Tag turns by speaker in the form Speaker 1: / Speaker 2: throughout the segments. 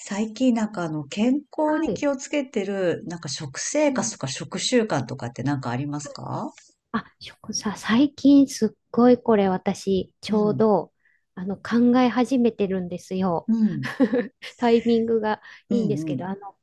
Speaker 1: 最近なんかあの健康に
Speaker 2: はい。
Speaker 1: 気をつけてるなんか食
Speaker 2: う
Speaker 1: 生活と
Speaker 2: ん。
Speaker 1: か食習慣とかってなんかありますか？
Speaker 2: あ、最近すっごいこれ私、
Speaker 1: う
Speaker 2: ちょう
Speaker 1: ん、
Speaker 2: ど、考え始めてるんですよ。
Speaker 1: うん、
Speaker 2: タイミングが
Speaker 1: うん、
Speaker 2: いいんです
Speaker 1: う
Speaker 2: け
Speaker 1: ん、
Speaker 2: ど、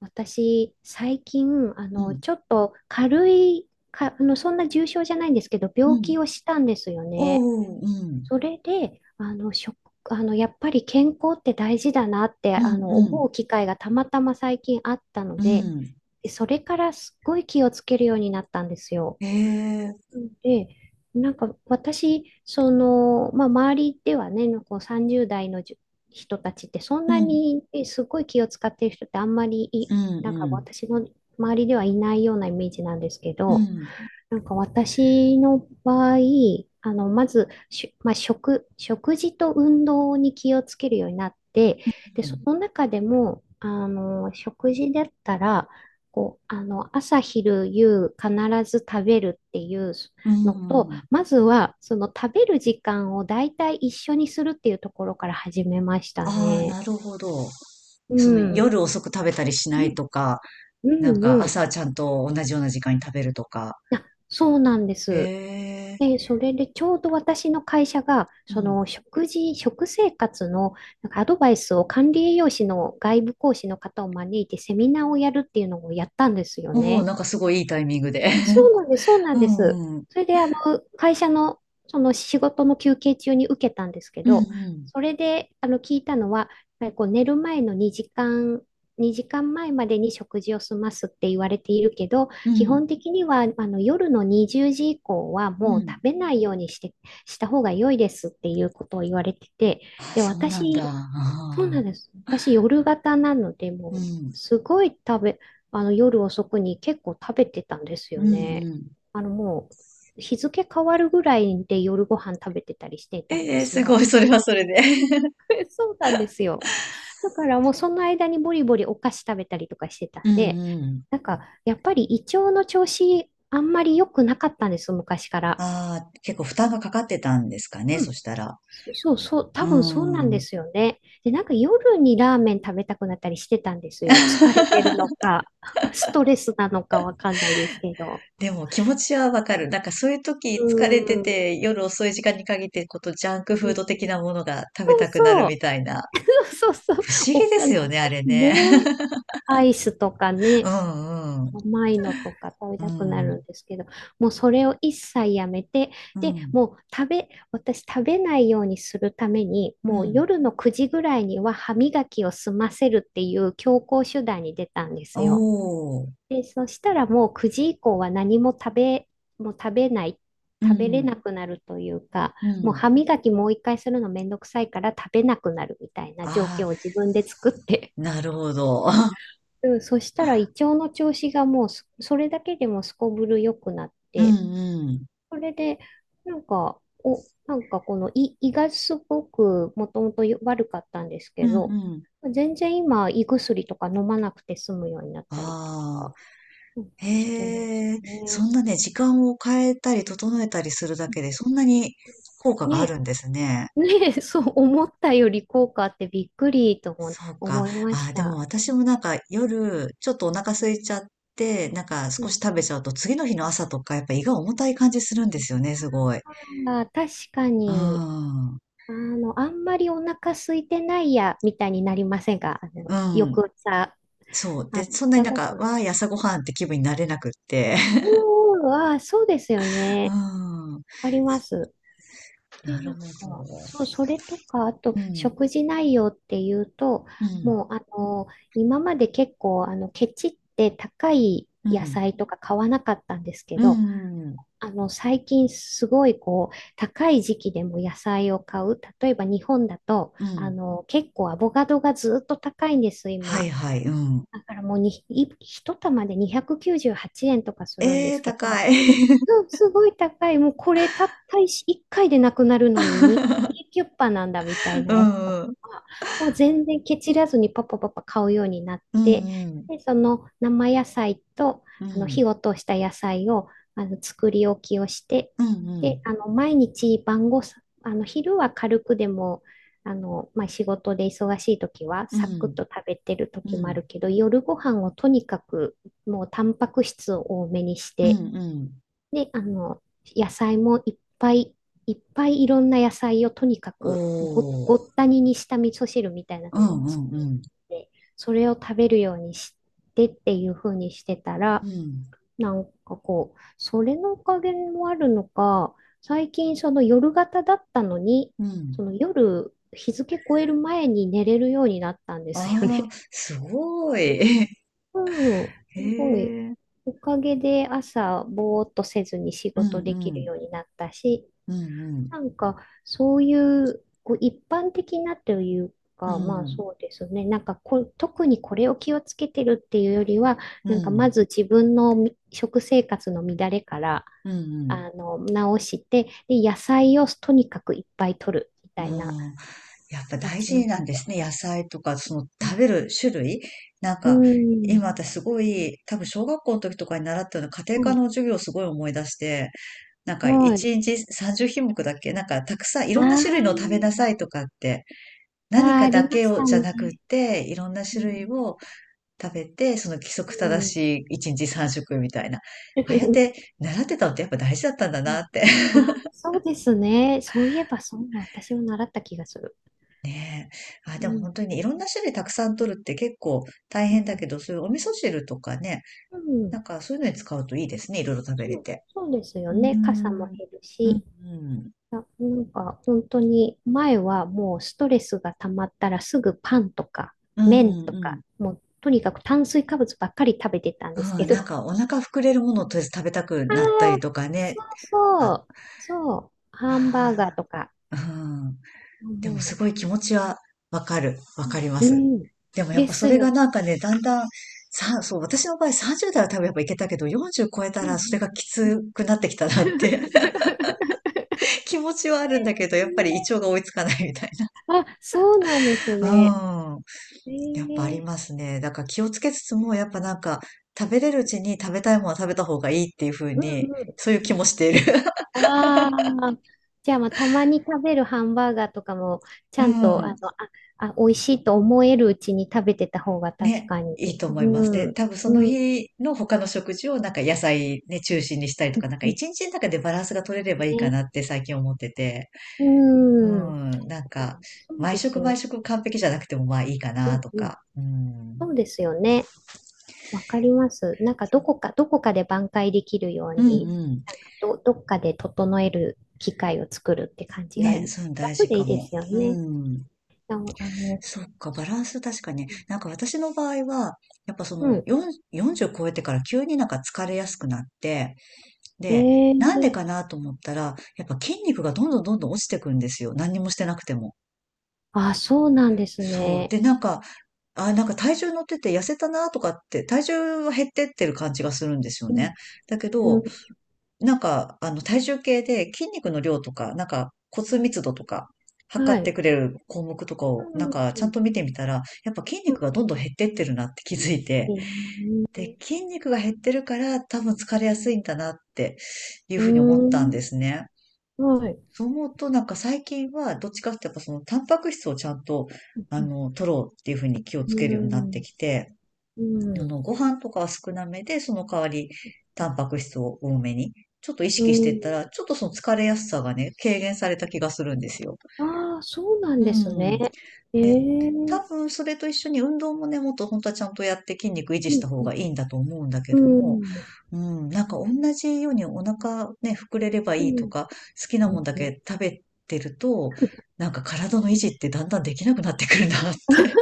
Speaker 2: 私、最近、
Speaker 1: うん、
Speaker 2: ちょっと軽い、か、あの、そんな重症じゃないんですけど、
Speaker 1: う
Speaker 2: 病
Speaker 1: ん。
Speaker 2: 気をしたんですよね。
Speaker 1: おー、うん、
Speaker 2: それで、あの、食、あの、やっぱり健康って大事だなって、
Speaker 1: うん、う
Speaker 2: 思
Speaker 1: ん、
Speaker 2: う機会がたまたま最近あったの
Speaker 1: う
Speaker 2: で、
Speaker 1: ん。
Speaker 2: でそれからすっごい気をつけるようになったんですよ。
Speaker 1: ええ、
Speaker 2: で、なんか私、その、まあ、周りではね、こう30代の人たちってそん
Speaker 1: う
Speaker 2: な
Speaker 1: ん、
Speaker 2: にすごい気を使ってる人ってあんまりい、
Speaker 1: うん、
Speaker 2: なん
Speaker 1: う
Speaker 2: か
Speaker 1: ん、
Speaker 2: 私の周りではいないようなイメージなんですけ
Speaker 1: う
Speaker 2: ど、
Speaker 1: ん、
Speaker 2: なんか私の場合、まず、しまあ、食、食事と運動に気をつけるようになって、で、
Speaker 1: う
Speaker 2: そ
Speaker 1: ん。
Speaker 2: の中でも、食事だったら、こう、朝、昼、夕、必ず食べるっていう
Speaker 1: う
Speaker 2: のと、
Speaker 1: ん、
Speaker 2: まずは、その食べる時間を大体一緒にするっていうところから始めました
Speaker 1: ああ、
Speaker 2: ね。
Speaker 1: なるほど。
Speaker 2: う
Speaker 1: その
Speaker 2: ん。
Speaker 1: 夜遅く食べたりし
Speaker 2: う
Speaker 1: ない
Speaker 2: ん、
Speaker 1: とか、
Speaker 2: う
Speaker 1: なん
Speaker 2: ん、
Speaker 1: か
Speaker 2: うん。
Speaker 1: 朝ちゃんと同じような時間に食べるとか。
Speaker 2: あ、そうなんで
Speaker 1: え
Speaker 2: す。
Speaker 1: え、
Speaker 2: で、それでちょうど私の会社が、
Speaker 1: う
Speaker 2: そ
Speaker 1: ん。
Speaker 2: の食事、食生活のなんかアドバイスを管理栄養士の外部講師の方を招いてセミナーをやるっていうのをやったんですよ
Speaker 1: おお、
Speaker 2: ね。
Speaker 1: なんかすごいいいタイミングで。
Speaker 2: そうなんです、そうな
Speaker 1: う
Speaker 2: んです。
Speaker 1: んうん。
Speaker 2: それで、あの、会社の、その仕事の休憩中に受けたんですけ
Speaker 1: うんう
Speaker 2: ど、
Speaker 1: ん。
Speaker 2: それで、聞いたのは、やっぱりこう寝る前の2時間前までに食事を済ますって言われているけど、
Speaker 1: う
Speaker 2: 基本
Speaker 1: ん。
Speaker 2: 的には、夜の20時以降は
Speaker 1: う
Speaker 2: もう食
Speaker 1: ん。
Speaker 2: べないようにした方が良いですっていうことを言われてて、
Speaker 1: あ、
Speaker 2: で、
Speaker 1: そうなんだ。
Speaker 2: 私、
Speaker 1: あ
Speaker 2: そうな
Speaker 1: あ。
Speaker 2: んです。私、夜型なので、
Speaker 1: う
Speaker 2: もう、
Speaker 1: ん。
Speaker 2: すごい食べ、あの、夜遅くに結構食べてたんです
Speaker 1: う
Speaker 2: よ
Speaker 1: ん
Speaker 2: ね。
Speaker 1: うん。
Speaker 2: もう、日付変わるぐらいで夜ご飯食べてたりしてたんで
Speaker 1: ええ、
Speaker 2: す
Speaker 1: すごい、
Speaker 2: よ。
Speaker 1: それはそれで。
Speaker 2: そうなんですよ。だからもう、その間にボリボリお菓子食べたりとかしてたん
Speaker 1: うん
Speaker 2: で、
Speaker 1: うん。
Speaker 2: なんか、やっぱり胃腸の調子、あんまり良くなかったんです、昔から。
Speaker 1: ああ、結構負担がかかってたんですかね、
Speaker 2: う
Speaker 1: そ
Speaker 2: ん。
Speaker 1: したら。
Speaker 2: そうそう、
Speaker 1: う
Speaker 2: 多分そうなんで
Speaker 1: ん。
Speaker 2: すよね。で、なんか夜にラーメン食べたくなったりしてたんですよ。疲れてるのか、ストレスなのかわかんないですけど。
Speaker 1: でも気持ちはわかる。なんかそういう
Speaker 2: う
Speaker 1: 時疲れて
Speaker 2: ん。
Speaker 1: て、夜遅い時間に限ってことジャンク
Speaker 2: う
Speaker 1: フー
Speaker 2: ん
Speaker 1: ド的なものが食べ
Speaker 2: そう
Speaker 1: たくなる
Speaker 2: そ
Speaker 1: み
Speaker 2: う。
Speaker 1: たいな。
Speaker 2: そうそうそう。
Speaker 1: 不思
Speaker 2: お
Speaker 1: 議で
Speaker 2: か
Speaker 1: す
Speaker 2: ね、
Speaker 1: よね、あれね。
Speaker 2: アイスとか
Speaker 1: う
Speaker 2: ね、
Speaker 1: んうん。
Speaker 2: 甘いのとか食べ
Speaker 1: う
Speaker 2: たくなるん
Speaker 1: ん。
Speaker 2: ですけど、もうそれを一切やめて、
Speaker 1: う
Speaker 2: で、
Speaker 1: ん。
Speaker 2: もう食べ、私食べないようにするために、
Speaker 1: う
Speaker 2: もう
Speaker 1: ん。
Speaker 2: 夜の9時ぐらいには歯磨きを済ませるっていう強行手段に出たんで
Speaker 1: お
Speaker 2: すよ。
Speaker 1: お。
Speaker 2: で、そしたらもう9時以降は何も食べ、もう食べない、
Speaker 1: う
Speaker 2: 食べれ
Speaker 1: ん。
Speaker 2: なくなるというか、
Speaker 1: う
Speaker 2: もう
Speaker 1: ん。
Speaker 2: 歯磨きもう一回するのめんどくさいから食べなくなるみたいな状況を
Speaker 1: あ
Speaker 2: 自分で作っ
Speaker 1: あ、
Speaker 2: て
Speaker 1: なるほど。
Speaker 2: うん、そしたら胃腸の調子がもうすそれだけでもすこぶる良くなっ
Speaker 1: う
Speaker 2: て、
Speaker 1: んうん。
Speaker 2: それで、なんか、なんかこの胃がすごくもともと悪かったんです
Speaker 1: う
Speaker 2: け
Speaker 1: んう
Speaker 2: ど、
Speaker 1: ん。
Speaker 2: 全然今胃薬とか飲まなくて済むようになったりと
Speaker 1: あ
Speaker 2: か、うん
Speaker 1: あ、
Speaker 2: してます
Speaker 1: へえ、そ
Speaker 2: ね。
Speaker 1: んなね、時間を変えたり整えたりするだけで、そんなに効果があ
Speaker 2: ね、
Speaker 1: るんですね。
Speaker 2: ね、そう思ったより効果あってびっくりとも
Speaker 1: そうか。
Speaker 2: 思いま
Speaker 1: ああ、
Speaker 2: し
Speaker 1: でも
Speaker 2: た。
Speaker 1: 私もなんか夜、ちょっとお腹空いちゃって、なんか
Speaker 2: う
Speaker 1: 少
Speaker 2: ん、
Speaker 1: し食べちゃうと、次の日の朝とか、やっぱ胃が重たい感じするんですよね、すごい。
Speaker 2: あー、確か
Speaker 1: う
Speaker 2: に。
Speaker 1: ん。
Speaker 2: あんまりお腹空いてないや、みたいになりませんか？
Speaker 1: うん。
Speaker 2: 翌朝、
Speaker 1: そう。
Speaker 2: あ
Speaker 1: で、
Speaker 2: っ
Speaker 1: そんなに
Speaker 2: た
Speaker 1: なん
Speaker 2: ご
Speaker 1: か、
Speaker 2: 飯。
Speaker 1: わあ、朝ごはんって気分になれなくって。
Speaker 2: うーん、あー、そうですよ
Speaker 1: う
Speaker 2: ね。
Speaker 1: ん。
Speaker 2: あります。で、
Speaker 1: なる
Speaker 2: なん
Speaker 1: ほど。
Speaker 2: か、そう、それとか、あと、
Speaker 1: うん、
Speaker 2: 食事内容っていうと、
Speaker 1: うん、
Speaker 2: もう、今まで結構、ケチって高い
Speaker 1: う
Speaker 2: 野
Speaker 1: ん、
Speaker 2: 菜とか買わなかったんですけ
Speaker 1: う
Speaker 2: ど、
Speaker 1: ん、うん、
Speaker 2: 最近すごいこう、高い時期でも野菜を買う。例えば日本だと、
Speaker 1: うん。
Speaker 2: 結構アボカドがずっと高いんです、
Speaker 1: は
Speaker 2: 今。
Speaker 1: いはい、うん。
Speaker 2: だからもう一玉で298円とかするんで
Speaker 1: ええ、
Speaker 2: すけど、
Speaker 1: 高い。
Speaker 2: うん、すごい高い。もうこれたった1回でなくなるのに2キュッパなんだみたい
Speaker 1: う
Speaker 2: なやつと
Speaker 1: ん、うん、
Speaker 2: か、もう全然ケチらずにパパパパ買うようになっ
Speaker 1: う
Speaker 2: て、
Speaker 1: ん、
Speaker 2: で、その生野菜と、
Speaker 1: うん、
Speaker 2: 火を通した野菜を、作り置きをして、
Speaker 1: う
Speaker 2: で、
Speaker 1: ん、
Speaker 2: あの、毎日晩ごさ、あの、昼は軽くでも、まあ、仕事で忙しい時は
Speaker 1: う
Speaker 2: サクッ
Speaker 1: ん、
Speaker 2: と食べてる
Speaker 1: う
Speaker 2: 時
Speaker 1: ん、う
Speaker 2: もあ
Speaker 1: ん、
Speaker 2: るけど、夜ご飯をとにかくもうタンパク質を多めにし
Speaker 1: う
Speaker 2: て、
Speaker 1: ん、うん。
Speaker 2: で、野菜もいっぱいいっぱいいろんな野菜をとにか
Speaker 1: お
Speaker 2: く
Speaker 1: ー、
Speaker 2: ごったににした味噌汁みたいな
Speaker 1: う
Speaker 2: のを
Speaker 1: ん、う
Speaker 2: 作
Speaker 1: ん、
Speaker 2: っ
Speaker 1: うん、
Speaker 2: て、それを食べるようにしてっていう風にしてたら、
Speaker 1: うん、
Speaker 2: なんかこう、それのおかげもあるのか、最近その夜型だったのに、
Speaker 1: うん。
Speaker 2: その夜日付超える前に寝れるようになったんですよ
Speaker 1: ああ、
Speaker 2: ね。
Speaker 1: すごい。
Speaker 2: うん、
Speaker 1: へ
Speaker 2: すごい。
Speaker 1: え、
Speaker 2: おかげで朝、ぼーっとせずに仕
Speaker 1: う
Speaker 2: 事
Speaker 1: ん、
Speaker 2: でき
Speaker 1: う
Speaker 2: る
Speaker 1: ん、
Speaker 2: ようになったし、
Speaker 1: うん、うん、
Speaker 2: なんか、そういう、こう一般的なという
Speaker 1: う
Speaker 2: か、まあ
Speaker 1: ん、
Speaker 2: そうですね。なんかこ、特にこれを気をつけてるっていうよりは、
Speaker 1: う
Speaker 2: なんかま
Speaker 1: ん、
Speaker 2: ず自分のみ食生活の乱れから、
Speaker 1: うん、うん。
Speaker 2: 直して、で、野菜をとにかくいっぱい取るみ
Speaker 1: あ
Speaker 2: たいな
Speaker 1: あ。やっぱ大
Speaker 2: 形
Speaker 1: 事
Speaker 2: にし。
Speaker 1: なんですね。野菜とか、その
Speaker 2: う
Speaker 1: 食べ
Speaker 2: ん。
Speaker 1: る種類。なん
Speaker 2: う
Speaker 1: か、
Speaker 2: ん。
Speaker 1: 今私すごい、多分小学校の時とかに習ったような家
Speaker 2: う
Speaker 1: 庭科
Speaker 2: ん。
Speaker 1: の授業をすごい思い出して、なんか
Speaker 2: はい。
Speaker 1: 1日30品目だっけなんかたくさんい
Speaker 2: あ
Speaker 1: ろんな種類のを食べ
Speaker 2: ー
Speaker 1: なさいとかって、
Speaker 2: あ
Speaker 1: 何
Speaker 2: ー、あ
Speaker 1: かだ
Speaker 2: りま
Speaker 1: け
Speaker 2: し
Speaker 1: を
Speaker 2: た
Speaker 1: じゃなくっ
Speaker 2: ね。
Speaker 1: て、いろんな
Speaker 2: う
Speaker 1: 種類
Speaker 2: ん。
Speaker 1: を食べて、その規則
Speaker 2: う
Speaker 1: 正
Speaker 2: ん。
Speaker 1: しい1日3食みたいな。ああやって 習ってたのってやっぱ大事だったんだ
Speaker 2: う
Speaker 1: なっ
Speaker 2: ん。
Speaker 1: て。
Speaker 2: あー、そうですね。そういえば、そんな私も習った気がする。
Speaker 1: ねえ。あ、
Speaker 2: う
Speaker 1: でも
Speaker 2: ん。
Speaker 1: 本当にいろんな種類たくさん取るって結構大
Speaker 2: う
Speaker 1: 変だ
Speaker 2: ん。
Speaker 1: けど、そういうお味噌汁とかね、
Speaker 2: う
Speaker 1: な
Speaker 2: ん
Speaker 1: んかそういうのに使うといいですね。いろいろ食べれ
Speaker 2: そう、
Speaker 1: て。
Speaker 2: そうですよ
Speaker 1: うー
Speaker 2: ね。傘も
Speaker 1: ん。
Speaker 2: 減る
Speaker 1: うん、
Speaker 2: し。
Speaker 1: うん。
Speaker 2: あ、なんか、本当に、前はもうストレスが溜まったらすぐパンとか、
Speaker 1: う
Speaker 2: 麺と
Speaker 1: ん、うん。
Speaker 2: か、もう、とにかく炭水化物ばっかり食べてたんです
Speaker 1: う
Speaker 2: け
Speaker 1: ん、なん
Speaker 2: ど。
Speaker 1: かお腹膨れるものをとりあえず食べたく
Speaker 2: あ
Speaker 1: なった
Speaker 2: あ、
Speaker 1: りとかね。
Speaker 2: そうそ
Speaker 1: あ、
Speaker 2: う。そう。ハンバーガー
Speaker 1: あ
Speaker 2: とか。
Speaker 1: あ、うん。でもす
Speaker 2: も
Speaker 1: ごい気持ちはわかる。わ
Speaker 2: う、
Speaker 1: かりま
Speaker 2: う
Speaker 1: す。
Speaker 2: ん。うん
Speaker 1: でもやっ
Speaker 2: で
Speaker 1: ぱそ
Speaker 2: す
Speaker 1: れが
Speaker 2: よ。
Speaker 1: なんかね、だんだん、そう、私の場合30代は多分やっぱいけたけど、40超えた
Speaker 2: う
Speaker 1: らそれ
Speaker 2: ん
Speaker 1: がき
Speaker 2: うん。
Speaker 1: つくなってきたなって
Speaker 2: え
Speaker 1: 気持ちはあるんだけど、やっぱり胃腸が
Speaker 2: ー
Speaker 1: 追いつかないみたい
Speaker 2: あ、そうなんですね。
Speaker 1: な。うん。
Speaker 2: え
Speaker 1: やっぱあり
Speaker 2: ー
Speaker 1: ますね。だから気をつけつつも、やっぱなんか、食べれるうちに食べたいものは食べた方がいいっていう風
Speaker 2: うん
Speaker 1: に、
Speaker 2: うん。
Speaker 1: そういう気もしている。
Speaker 2: ああ。じゃあ、まあ、たまに食べるハンバーガーとかも、ち
Speaker 1: う
Speaker 2: ゃんと、
Speaker 1: ん。
Speaker 2: 美味しいと思えるうちに食べてた方が 確
Speaker 1: ね。
Speaker 2: かに。
Speaker 1: いいと思
Speaker 2: う
Speaker 1: います。で、
Speaker 2: ん。
Speaker 1: 多分その
Speaker 2: うん。
Speaker 1: 日の他の食事をなんか野菜ね、中心にしたりと
Speaker 2: う
Speaker 1: か、なんか一
Speaker 2: ん
Speaker 1: 日の中でバランスが取れればいいか
Speaker 2: ね。
Speaker 1: なって最近思ってて。う
Speaker 2: うん。
Speaker 1: ん。なん
Speaker 2: あ
Speaker 1: か、
Speaker 2: そう
Speaker 1: 毎
Speaker 2: です
Speaker 1: 食毎
Speaker 2: よ。
Speaker 1: 食完璧じゃなくてもまあいいか
Speaker 2: う
Speaker 1: な
Speaker 2: ん
Speaker 1: と
Speaker 2: うん。
Speaker 1: か。う
Speaker 2: そ
Speaker 1: ん。
Speaker 2: うですよね。わかります。なんかどこかで挽回できるよう
Speaker 1: うん
Speaker 2: に、
Speaker 1: うん。
Speaker 2: なんかどっかで整える機会を作るって感じが
Speaker 1: ね、
Speaker 2: いい。
Speaker 1: そういうの大
Speaker 2: 楽
Speaker 1: 事
Speaker 2: でい
Speaker 1: か
Speaker 2: いで
Speaker 1: も。
Speaker 2: すよ
Speaker 1: う
Speaker 2: ね。
Speaker 1: ん。
Speaker 2: あの、あの、
Speaker 1: そっか、バランス確かに。なんか私の場合は、やっぱそ
Speaker 2: う
Speaker 1: の
Speaker 2: ん。
Speaker 1: 4、40超えてから急になんか疲れやすくなって、
Speaker 2: え
Speaker 1: で、
Speaker 2: え
Speaker 1: なんで
Speaker 2: ー
Speaker 1: かなと思ったら、やっぱ筋肉がどんどんどんどん落ちてくんですよ。何にもしてなくても。
Speaker 2: あ、そうなんです
Speaker 1: そう。
Speaker 2: ね。
Speaker 1: で、なんか、あ、なんか体重乗ってて痩せたなとかって、体重は減ってってる感じがするんですよ
Speaker 2: う
Speaker 1: ね。
Speaker 2: ん、
Speaker 1: だけ
Speaker 2: う
Speaker 1: ど、
Speaker 2: ん、
Speaker 1: なんか、あの、体重計で筋肉の量とか、なんか骨密度とか、
Speaker 2: は
Speaker 1: 測って
Speaker 2: い。
Speaker 1: くれる項目とか
Speaker 2: う
Speaker 1: を、な
Speaker 2: ん、
Speaker 1: んか、ち
Speaker 2: う
Speaker 1: ゃん
Speaker 2: ん、
Speaker 1: と見てみたら、やっぱ筋
Speaker 2: う
Speaker 1: 肉
Speaker 2: ん。
Speaker 1: がどんどん減ってってるなって気づいて、
Speaker 2: え
Speaker 1: で、
Speaker 2: ー
Speaker 1: 筋肉が減ってるから、多分疲れやすいんだなっていう
Speaker 2: うー
Speaker 1: ふうに思ったん
Speaker 2: ん、
Speaker 1: ですね。
Speaker 2: はい。
Speaker 1: そう思うと、なんか最近は、どっちかっていうと、やっぱその、タンパク質をちゃんと、
Speaker 2: う
Speaker 1: あ
Speaker 2: ん、
Speaker 1: の、取ろうっていうふうに気をつけるようになってきて、
Speaker 2: う
Speaker 1: あ
Speaker 2: ん、
Speaker 1: の、ご飯とかは少なめで、その代わり、タンパク質を多めに、ちょっと意
Speaker 2: う
Speaker 1: 識していっ
Speaker 2: ん。
Speaker 1: たら、ちょっとその疲れやすさがね、軽減された気がするんですよ。
Speaker 2: ああー、そうな
Speaker 1: う
Speaker 2: んです
Speaker 1: ん。
Speaker 2: ね。ええう
Speaker 1: 多
Speaker 2: ん、
Speaker 1: 分、それと一緒に運動もね、もっと本当はちゃんとやって筋肉維持した方がいいんだと思うんだけ
Speaker 2: う
Speaker 1: ども、
Speaker 2: ん、
Speaker 1: うん、なんか同じようにお腹ね、膨れれば
Speaker 2: う
Speaker 1: いいと
Speaker 2: ん。
Speaker 1: か、好き
Speaker 2: う
Speaker 1: なもん
Speaker 2: ん
Speaker 1: だ
Speaker 2: うん、
Speaker 1: け食べてると、なんか体の維持ってだんだんできなくなってくるなって、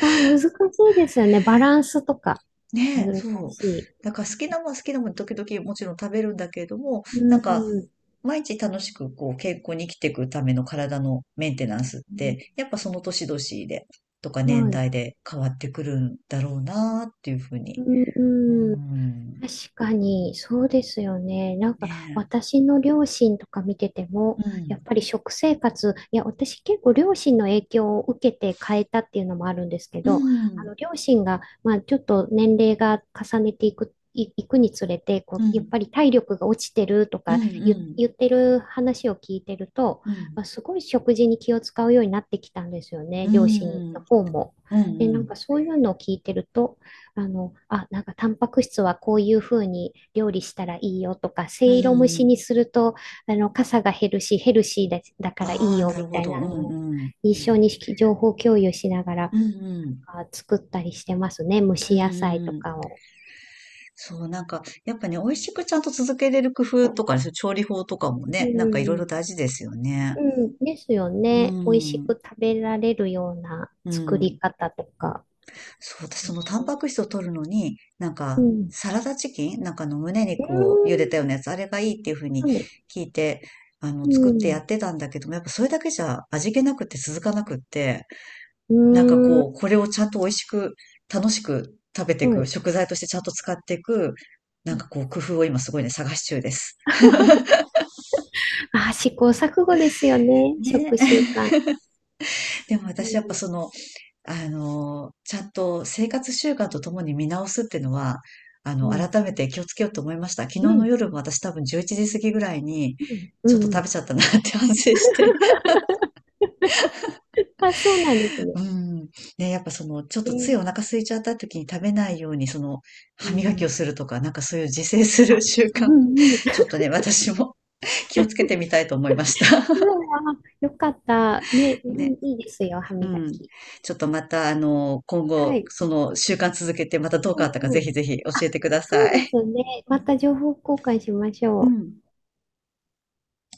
Speaker 2: あー、難しいですよね。バランスとか
Speaker 1: ねえ、
Speaker 2: 難
Speaker 1: そう。
Speaker 2: しい。
Speaker 1: だから好きなもん好きなもん時々もちろん食べるんだけれども、
Speaker 2: う
Speaker 1: なんか
Speaker 2: ん。
Speaker 1: 毎日楽しくこう健康に生きていくための体のメンテナンスって、やっぱその年々でとか年
Speaker 2: はい。
Speaker 1: 代で変わってくるんだろうなっていうふう
Speaker 2: う
Speaker 1: に。うー
Speaker 2: ん、うん。
Speaker 1: ん。
Speaker 2: 確かに、そうですよね。なんか、
Speaker 1: ね
Speaker 2: 私の両親とか見てて
Speaker 1: え。
Speaker 2: も、
Speaker 1: う
Speaker 2: やっ
Speaker 1: ん。
Speaker 2: ぱり食生活、いや、私結構両親の影響を受けて変えたっていうのもあるんですけ
Speaker 1: う
Speaker 2: ど、
Speaker 1: ん。
Speaker 2: 両親が、まあ、ちょっと年齢が重ねていく、い、いくにつれて、こ
Speaker 1: う
Speaker 2: う、やっ
Speaker 1: ん。
Speaker 2: ぱり体力が落ちてると
Speaker 1: う
Speaker 2: か
Speaker 1: ん。うん。
Speaker 2: 言ってる話を聞いてると、
Speaker 1: うん。
Speaker 2: まあ、すごい食事に気を使うようになってきたんですよね、
Speaker 1: う
Speaker 2: 両親の
Speaker 1: ん。
Speaker 2: 方も。
Speaker 1: うん。
Speaker 2: で、
Speaker 1: う
Speaker 2: なん
Speaker 1: ん。
Speaker 2: かそういうのを聞いてると、なんかタンパク質はこういうふうに料理したらいいよとか、せ
Speaker 1: う
Speaker 2: いろ蒸し
Speaker 1: ん。
Speaker 2: にすると、かさが減るし、ヘルシーだ、だからいい
Speaker 1: ああ、
Speaker 2: よ
Speaker 1: なる
Speaker 2: み
Speaker 1: ほ
Speaker 2: たい
Speaker 1: ど。
Speaker 2: な、
Speaker 1: うん。うん。
Speaker 2: 一緒に情報共有しながら
Speaker 1: うん。
Speaker 2: 作ったりしてますね。蒸
Speaker 1: うん。
Speaker 2: し野菜と
Speaker 1: うん。
Speaker 2: かを。
Speaker 1: そう、なんか、やっぱね、美味しくちゃんと続けれる工夫とかね、そう調理法とかも
Speaker 2: う
Speaker 1: ね、なんかいろいろ
Speaker 2: ん。
Speaker 1: 大事ですよね。
Speaker 2: うん。ですよ
Speaker 1: う
Speaker 2: ね。美味しく
Speaker 1: ん。
Speaker 2: 食べられるような
Speaker 1: う
Speaker 2: 作り
Speaker 1: ん。
Speaker 2: 方とか。
Speaker 1: そう、私そのタンパク質を取るのに、なん
Speaker 2: う
Speaker 1: か、
Speaker 2: ん。
Speaker 1: サラダチキンなんかあの胸
Speaker 2: うー
Speaker 1: 肉を茹でた
Speaker 2: ん。
Speaker 1: ようなやつ、あれがいいっていうふうに聞いて、あ
Speaker 2: う
Speaker 1: の、作ってや
Speaker 2: ん。
Speaker 1: ってたんだけども、やっぱそれだけじゃ味気なくて続かなくって、
Speaker 2: うー
Speaker 1: なんか
Speaker 2: ん。うー
Speaker 1: こう、
Speaker 2: ん。
Speaker 1: これをちゃんと美味しく、楽しく食べてい
Speaker 2: は
Speaker 1: く、
Speaker 2: い。
Speaker 1: 食材としてちゃんと使っていく、なんかこう、工夫を今すごいね、探し中です。
Speaker 2: あ、試行錯誤ですよね。食習
Speaker 1: ね。
Speaker 2: 慣。
Speaker 1: でも
Speaker 2: う
Speaker 1: 私やっぱ
Speaker 2: ん、
Speaker 1: その、あの、ちゃんと生活習慣とともに見直すっていうのは、あ
Speaker 2: う
Speaker 1: の、
Speaker 2: ん、
Speaker 1: 改めて気をつけようと思いました。昨日
Speaker 2: う
Speaker 1: の
Speaker 2: ん、
Speaker 1: 夜も私多分11時過ぎぐらいに、
Speaker 2: うん。
Speaker 1: ちょっと
Speaker 2: う
Speaker 1: 食べち
Speaker 2: ん
Speaker 1: ゃったなって 反省して。
Speaker 2: まあ、そうなんです ね。
Speaker 1: うん。ね、やっぱその、ちょっとついお腹空いちゃった時に食べないように、その、
Speaker 2: う
Speaker 1: 歯磨きを
Speaker 2: ん。
Speaker 1: するとか、なんかそういう自制する
Speaker 2: あ、
Speaker 1: 習
Speaker 2: う
Speaker 1: 慣、
Speaker 2: ん、うん。
Speaker 1: ちょっとね、私も 気をつけてみたいと思いました。
Speaker 2: うんあ、よかった。ね、う
Speaker 1: ね。
Speaker 2: んいいですよ、歯
Speaker 1: う
Speaker 2: 磨
Speaker 1: ん。
Speaker 2: き。
Speaker 1: ちょっとまた、あの、今
Speaker 2: は
Speaker 1: 後、
Speaker 2: い。
Speaker 1: その習慣続けて、またどう
Speaker 2: う
Speaker 1: 変わったか、
Speaker 2: ん、
Speaker 1: ぜ
Speaker 2: うん。
Speaker 1: ひぜひ教
Speaker 2: あ、
Speaker 1: えてくだ
Speaker 2: そう
Speaker 1: さ
Speaker 2: で
Speaker 1: い。
Speaker 2: すね。また情報交換しまし
Speaker 1: う
Speaker 2: ょう。
Speaker 1: ん。